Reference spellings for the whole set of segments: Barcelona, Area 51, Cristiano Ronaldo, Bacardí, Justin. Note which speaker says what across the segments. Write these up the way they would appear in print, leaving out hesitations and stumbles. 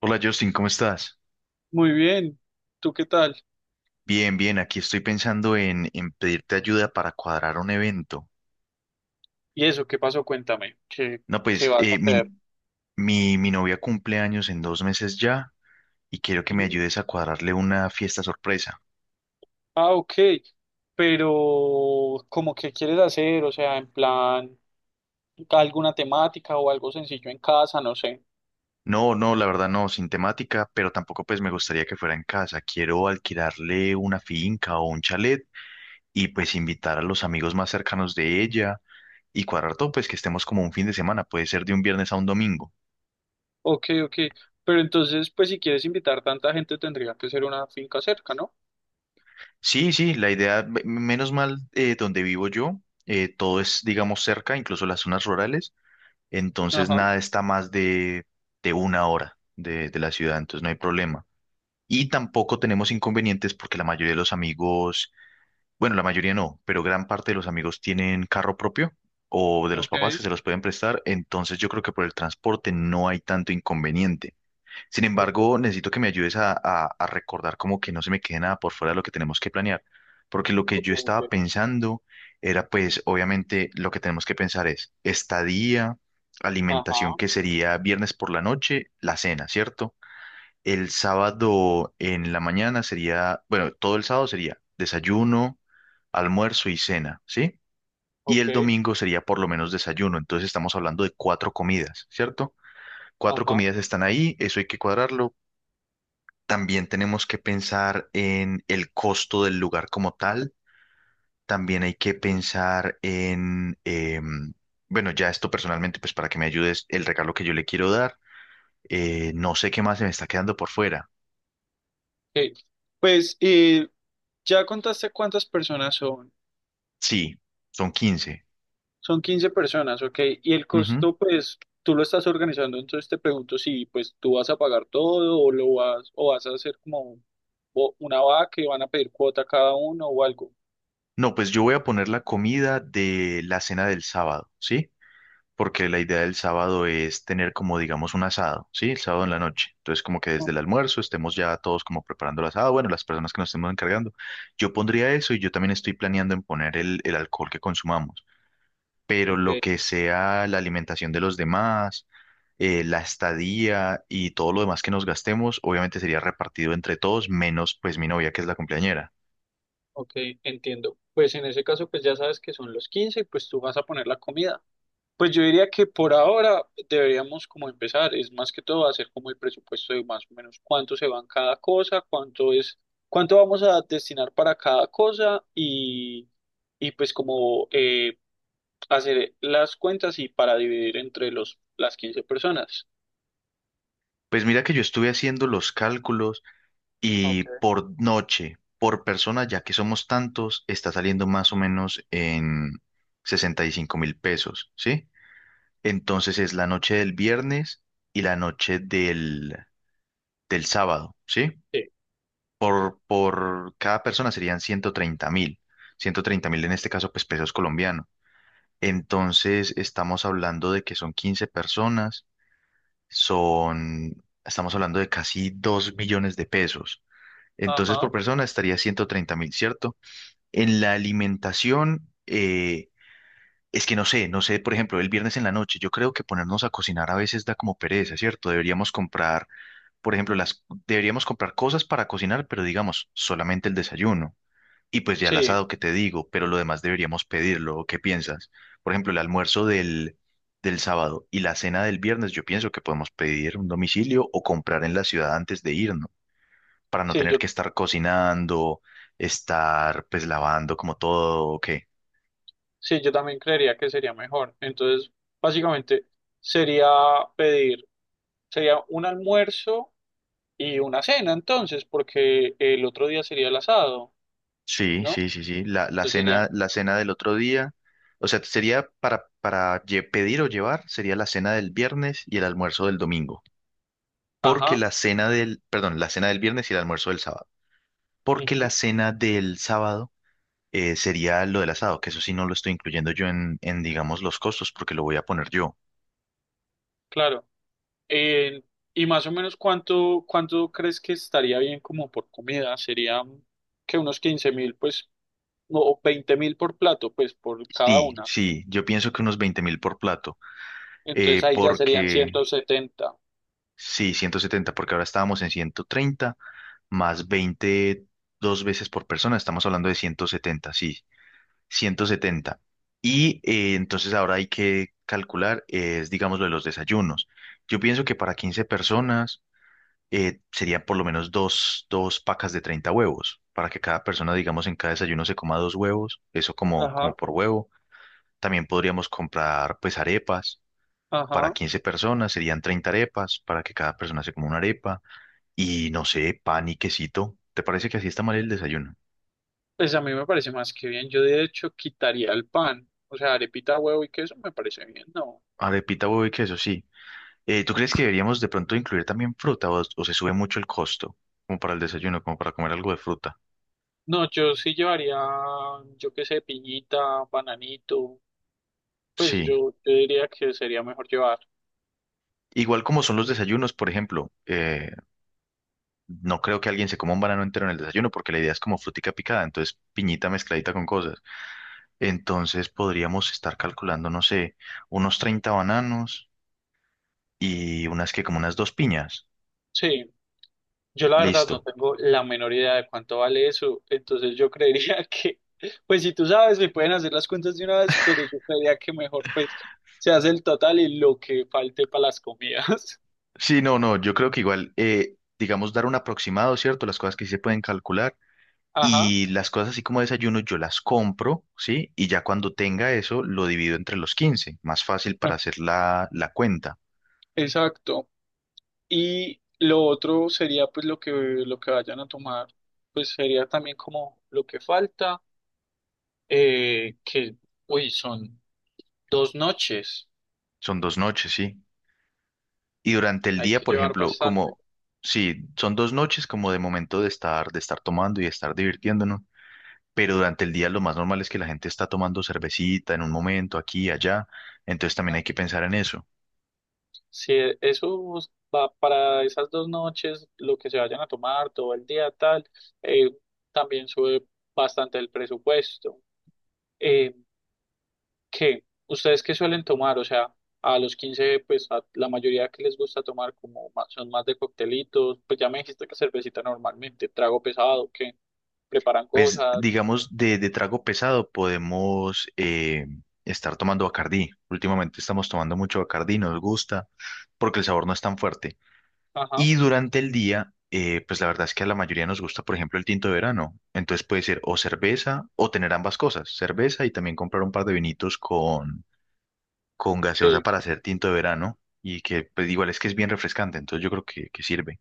Speaker 1: Hola Justin, ¿cómo estás?
Speaker 2: Muy bien, ¿tú qué tal?
Speaker 1: Bien, bien, aquí estoy pensando en pedirte ayuda para cuadrar un evento.
Speaker 2: ¿Y eso qué pasó? Cuéntame, ¿qué,
Speaker 1: No,
Speaker 2: qué
Speaker 1: pues
Speaker 2: vas a hacer?
Speaker 1: mi novia cumple años en 2 meses ya y quiero que me
Speaker 2: Mm.
Speaker 1: ayudes a cuadrarle una fiesta sorpresa.
Speaker 2: Ah, ok, pero ¿cómo qué quieres hacer? O sea, en plan, alguna temática o algo sencillo en casa, no sé.
Speaker 1: No, no, la verdad no, sin temática, pero tampoco pues me gustaría que fuera en casa. Quiero alquilarle una finca o un chalet y pues invitar a los amigos más cercanos de ella y cuadrar todo, pues que estemos como un fin de semana, puede ser de un viernes a un domingo.
Speaker 2: Ok, ok, pero entonces, pues si quieres invitar tanta gente tendría que ser una finca cerca, ¿no?
Speaker 1: Sí, sí, la idea, menos mal, donde vivo yo, todo es, digamos, cerca, incluso las zonas rurales, entonces
Speaker 2: Ajá.
Speaker 1: nada está más de 1 hora de la ciudad, entonces no hay problema. Y tampoco tenemos inconvenientes porque la mayoría de los amigos, bueno, la mayoría no, pero gran parte de los amigos tienen carro propio o de los papás
Speaker 2: Ok,
Speaker 1: que se los pueden prestar, entonces yo creo que por el transporte no hay tanto inconveniente. Sin
Speaker 2: ok,
Speaker 1: embargo, necesito que me ayudes a recordar como que no se me quede nada por fuera de lo que tenemos que planear, porque lo que
Speaker 2: ok,
Speaker 1: yo
Speaker 2: ok.
Speaker 1: estaba pensando era pues obviamente lo que tenemos que pensar es estadía, alimentación
Speaker 2: Ajá.
Speaker 1: que sería viernes por la noche, la cena, ¿cierto? El sábado en la mañana sería, bueno, todo el sábado sería desayuno, almuerzo y cena, ¿sí? Y
Speaker 2: Ok.
Speaker 1: el domingo sería por lo menos desayuno, entonces estamos hablando de cuatro comidas, ¿cierto? Cuatro
Speaker 2: Ajá.
Speaker 1: comidas están ahí, eso hay que cuadrarlo, también tenemos que pensar en el costo del lugar como tal. También hay que pensar en, bueno, ya esto personalmente, pues para que me ayudes, el regalo que yo le quiero dar. No sé qué más se me está quedando por fuera.
Speaker 2: Ok. Pues, ¿ya contaste cuántas personas son?
Speaker 1: Sí, son 15.
Speaker 2: Son 15 personas, ok. Y el
Speaker 1: Ujú.
Speaker 2: costo, pues, tú lo estás organizando, entonces te pregunto si, pues, tú vas a pagar todo o lo vas, o vas a hacer como un- o una vaca que van a pedir cuota cada uno o algo.
Speaker 1: No, pues yo voy a poner la comida de la cena del sábado, ¿sí? Porque la idea del sábado es tener como, digamos, un asado, ¿sí? El sábado en la noche. Entonces, como que desde
Speaker 2: Oh.
Speaker 1: el almuerzo estemos ya todos como preparando el asado, bueno, las personas que nos estemos encargando. Yo pondría eso y yo también estoy planeando en poner el alcohol que consumamos, pero
Speaker 2: Ok,
Speaker 1: lo que sea la alimentación de los demás, la estadía y todo lo demás que nos gastemos, obviamente sería repartido entre todos, menos pues mi novia que es la cumpleañera.
Speaker 2: ok, entiendo. Pues en ese caso, pues ya sabes que son los 15, y pues tú vas a poner la comida. Pues yo diría que por ahora deberíamos como empezar, es más que todo hacer como el presupuesto de más o menos cuánto se va en cada cosa, cuánto es, cuánto vamos a destinar para cada cosa y pues como hacer las cuentas y para dividir entre las 15 personas.
Speaker 1: Pues mira que yo estuve haciendo los cálculos. Y
Speaker 2: Ok.
Speaker 1: por noche, por persona, ya que somos tantos, está saliendo más o menos en 65.000 pesos, ¿sí? Entonces es la noche del viernes y la noche del sábado, ¿sí?
Speaker 2: Sí.
Speaker 1: Por cada persona serían 130.000. Ciento treinta mil en este caso, pues pesos colombianos. Entonces estamos hablando de que son 15 personas, son, estamos hablando de casi 2 millones de pesos. Entonces
Speaker 2: Ajá,
Speaker 1: por persona estaría 130.000, ¿cierto? En la alimentación, es que no sé, no sé, por ejemplo, el viernes en la noche, yo creo que ponernos a cocinar a veces da como pereza, ¿cierto? Deberíamos comprar, por ejemplo, las, deberíamos comprar cosas para cocinar, pero digamos, solamente el desayuno. Y pues ya el
Speaker 2: sí,
Speaker 1: asado que te digo, pero lo demás deberíamos pedirlo. ¿O ¿Qué piensas? Por ejemplo, el almuerzo del sábado y la cena del viernes, yo pienso que podemos pedir un domicilio o comprar en la ciudad antes de irnos, para no
Speaker 2: sí,
Speaker 1: tener
Speaker 2: yo,
Speaker 1: que estar cocinando, estar pues lavando como todo, ¿o qué?
Speaker 2: sí, yo también creería que sería mejor. Entonces, básicamente sería pedir, sería un almuerzo y una cena entonces, porque el otro día sería el asado,
Speaker 1: Sí,
Speaker 2: ¿no?
Speaker 1: sí, sí, sí.
Speaker 2: Entonces sería,
Speaker 1: La cena del otro día, o sea, sería para, pedir o llevar, sería la cena del viernes y el almuerzo del domingo. Porque
Speaker 2: ajá,
Speaker 1: la cena del, perdón, la cena del viernes y el almuerzo del sábado. Porque la
Speaker 2: ujú,
Speaker 1: cena del sábado sería lo del asado, que eso sí no lo estoy incluyendo yo en, digamos, los costos, porque lo voy a poner yo.
Speaker 2: claro. Eh, y más o menos cuánto crees que estaría bien como por comida, sería que unos 15.000, pues, no, o 20.000 por plato, pues, por cada
Speaker 1: Sí,
Speaker 2: una.
Speaker 1: sí, yo pienso que unos 20.000 por plato.
Speaker 2: Entonces
Speaker 1: eh,
Speaker 2: ahí ya serían
Speaker 1: porque,
Speaker 2: 170.
Speaker 1: sí, 170 porque ahora estábamos en 130. Más 20 dos veces por persona, estamos hablando de 170, sí, ciento setenta. Y entonces ahora hay que calcular, es, digamos, lo de los desayunos. Yo pienso que para 15 personas, sería por lo menos dos pacas de 30 huevos, para que cada persona, digamos, en cada desayuno se coma dos huevos, eso como, como
Speaker 2: Ajá,
Speaker 1: por huevo. También podríamos comprar, pues, arepas. Para
Speaker 2: ajá.
Speaker 1: 15 personas serían 30 arepas, para que cada persona se coma una arepa. Y no sé, pan y quesito. ¿Te parece que así está mal
Speaker 2: Sí.
Speaker 1: el desayuno?
Speaker 2: Pues a mí me parece más que bien. Yo de hecho quitaría el pan. O sea, arepita, huevo y queso me parece bien. No.
Speaker 1: Arepita, huevo y queso, sí. ¿Tú crees que deberíamos de pronto incluir también fruta o se sube mucho el costo? Como para el desayuno, como para comer algo de fruta.
Speaker 2: No, yo sí llevaría, yo qué sé, piñita, bananito. Pues
Speaker 1: Sí.
Speaker 2: yo diría que sería mejor llevar.
Speaker 1: Igual como son los desayunos, por ejemplo, no creo que alguien se coma un banano entero en el desayuno porque la idea es como frutica picada, entonces piñita mezcladita con cosas. Entonces podríamos estar calculando, no sé, unos 30 bananos y unas que como unas dos piñas.
Speaker 2: Sí, yo la verdad no
Speaker 1: Listo.
Speaker 2: tengo la menor idea de cuánto vale eso. Entonces yo creería que, pues si tú sabes, me pueden hacer las cuentas de una vez, pero yo creería que mejor pues se hace el total y lo que falte para las comidas.
Speaker 1: Sí, no, no, yo creo que igual, digamos, dar un aproximado, ¿cierto? Las cosas que sí se pueden calcular
Speaker 2: Ajá,
Speaker 1: y las cosas así como desayuno yo las compro, ¿sí? Y ya cuando tenga eso lo divido entre los 15, más fácil para
Speaker 2: ah,
Speaker 1: hacer la cuenta.
Speaker 2: exacto. Y lo otro sería pues lo que vayan a tomar, pues sería también como lo que falta, que, uy, son 2 noches,
Speaker 1: Son 2 noches, ¿sí? Y durante el
Speaker 2: hay
Speaker 1: día,
Speaker 2: que
Speaker 1: por
Speaker 2: llevar
Speaker 1: ejemplo,
Speaker 2: bastante,
Speaker 1: como, sí, son 2 noches como de momento de estar tomando y de estar divirtiéndonos, pero durante el día lo más normal es que la gente está tomando cervecita en un momento, aquí y allá, entonces también
Speaker 2: ¿no?
Speaker 1: hay que pensar en eso.
Speaker 2: Si eso va para esas 2 noches, lo que se vayan a tomar todo el día, tal, eh, también sube bastante el presupuesto. Eh, ¿Qué? ¿Ustedes qué suelen tomar? O sea, a los 15 pues a la mayoría que les gusta tomar como son más de coctelitos, pues ya me dijiste que cervecita normalmente, trago pesado, que preparan
Speaker 1: Pues
Speaker 2: cosas,
Speaker 1: digamos, de trago pesado podemos estar tomando Bacardí. Últimamente estamos tomando mucho Bacardí, nos gusta, porque el sabor no es tan fuerte.
Speaker 2: ajá,
Speaker 1: Y durante el día, pues la verdad es que a la mayoría nos gusta, por ejemplo, el tinto de verano. Entonces puede ser o cerveza o tener ambas cosas, cerveza y también comprar un par de vinitos con gaseosa
Speaker 2: sí.
Speaker 1: para hacer tinto de verano. Y que pues igual es que es bien refrescante, entonces yo creo que sirve.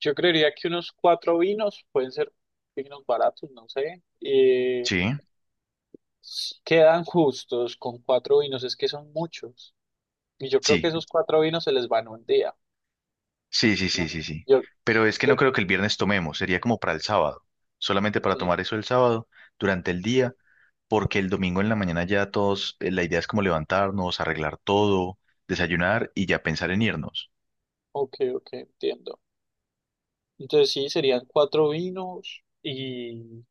Speaker 2: Yo creería que unos cuatro vinos, pueden ser vinos baratos, no sé,
Speaker 1: Sí,
Speaker 2: quedan justos con cuatro vinos, es que son muchos. Y yo creo
Speaker 1: sí,
Speaker 2: que esos cuatro vinos se les van un día.
Speaker 1: sí, sí, sí,
Speaker 2: Ujú.
Speaker 1: sí, sí.
Speaker 2: Yo,
Speaker 1: Pero es que
Speaker 2: yo,
Speaker 1: no creo que el viernes tomemos, sería como para el sábado, solamente para
Speaker 2: sí,
Speaker 1: tomar eso el sábado durante el día, porque el domingo en la mañana ya todos, la idea es como levantarnos, arreglar todo, desayunar y ya pensar en irnos.
Speaker 2: ok, ok, entiendo. Entonces sí, serían cuatro vinos y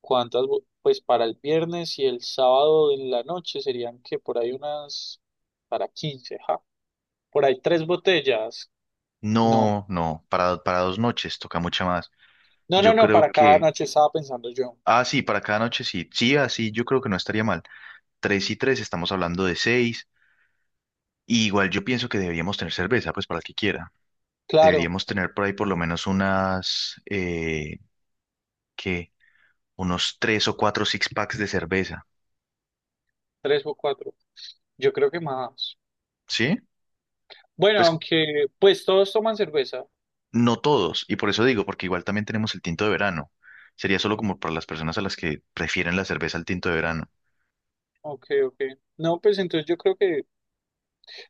Speaker 2: cuántas, pues para el viernes y el sábado en la noche serían que por ahí unas, para 15 ja, por ahí tres botellas. No,
Speaker 1: No, no, para 2 noches toca mucha más.
Speaker 2: no, no,
Speaker 1: Yo
Speaker 2: no,
Speaker 1: creo
Speaker 2: para cada
Speaker 1: que,
Speaker 2: noche estaba pensando yo.
Speaker 1: ah, sí, para cada noche sí, sí, así, yo creo que no estaría mal. Tres y tres, estamos hablando de seis, y igual yo pienso que deberíamos tener cerveza, pues para el que quiera.
Speaker 2: Claro,
Speaker 1: Deberíamos tener por ahí por lo menos unas que unos tres o cuatro six packs de cerveza,
Speaker 2: tres o cuatro. Yo creo que más.
Speaker 1: ¿sí?
Speaker 2: Bueno,
Speaker 1: Pues
Speaker 2: aunque pues todos toman cerveza.
Speaker 1: no todos, y por eso digo, porque igual también tenemos el tinto de verano. Sería solo como para las personas a las que prefieren la cerveza al tinto de verano.
Speaker 2: Ok, ok. No, pues entonces yo creo que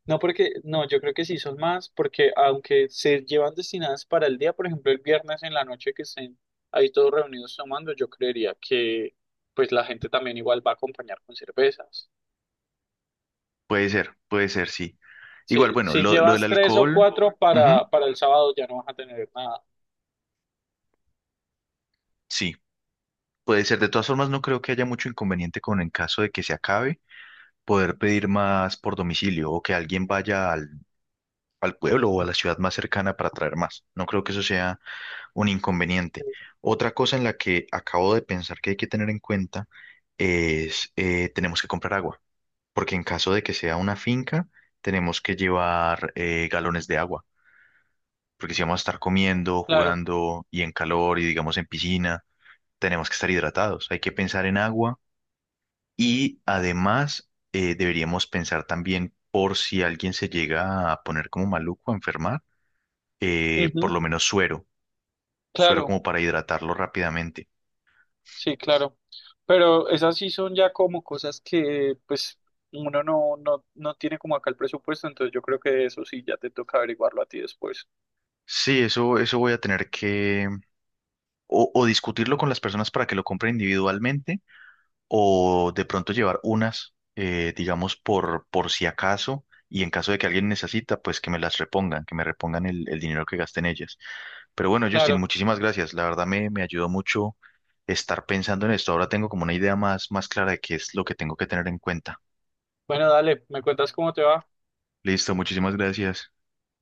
Speaker 2: no, porque, no, yo creo que sí son más, porque aunque se llevan destinadas para el día, por ejemplo, el viernes en la noche que estén ahí todos reunidos tomando, yo creería que pues la gente también igual va a acompañar con cervezas.
Speaker 1: Puede ser, sí.
Speaker 2: Si,
Speaker 1: Igual, bueno,
Speaker 2: si
Speaker 1: lo del
Speaker 2: llevas tres o
Speaker 1: alcohol,
Speaker 2: cuatro
Speaker 1: ujú,
Speaker 2: para, el sábado ya no vas a tener nada.
Speaker 1: sí, puede ser. De todas formas, no creo que haya mucho inconveniente con en caso de que se acabe, poder pedir más por domicilio o que alguien
Speaker 2: Ok.
Speaker 1: vaya al pueblo o a la ciudad más cercana para traer más. No creo que eso sea un inconveniente. Otra cosa en la que acabo de pensar que hay que tener en cuenta es, tenemos que comprar agua, porque en caso de que sea una finca, tenemos que llevar galones de agua, porque si vamos a estar comiendo,
Speaker 2: Claro,
Speaker 1: jugando y en calor y digamos en piscina, tenemos que estar hidratados. Hay que pensar en agua y además deberíamos pensar también por si alguien se llega a poner como maluco, a enfermar, por
Speaker 2: ujú,
Speaker 1: lo menos suero, suero
Speaker 2: claro,
Speaker 1: como para hidratarlo rápidamente.
Speaker 2: sí, claro. Pero esas sí son ya como cosas que pues uno no, no, no tiene como acá el presupuesto, entonces yo creo que eso sí ya te toca averiguarlo a ti después.
Speaker 1: Sí, eso voy a tener que o discutirlo con las personas para que lo compren individualmente o de pronto llevar unas, digamos, por si acaso y en caso de que alguien necesita, pues que me las repongan, que me repongan el dinero que gasté en ellas. Pero bueno, Justin,
Speaker 2: Claro.
Speaker 1: muchísimas gracias. La verdad me ayudó mucho estar pensando en esto. Ahora tengo como una idea más, más clara de qué es lo que tengo que tener en cuenta.
Speaker 2: Bueno, dale, me cuentas cómo te va.
Speaker 1: Listo, muchísimas gracias.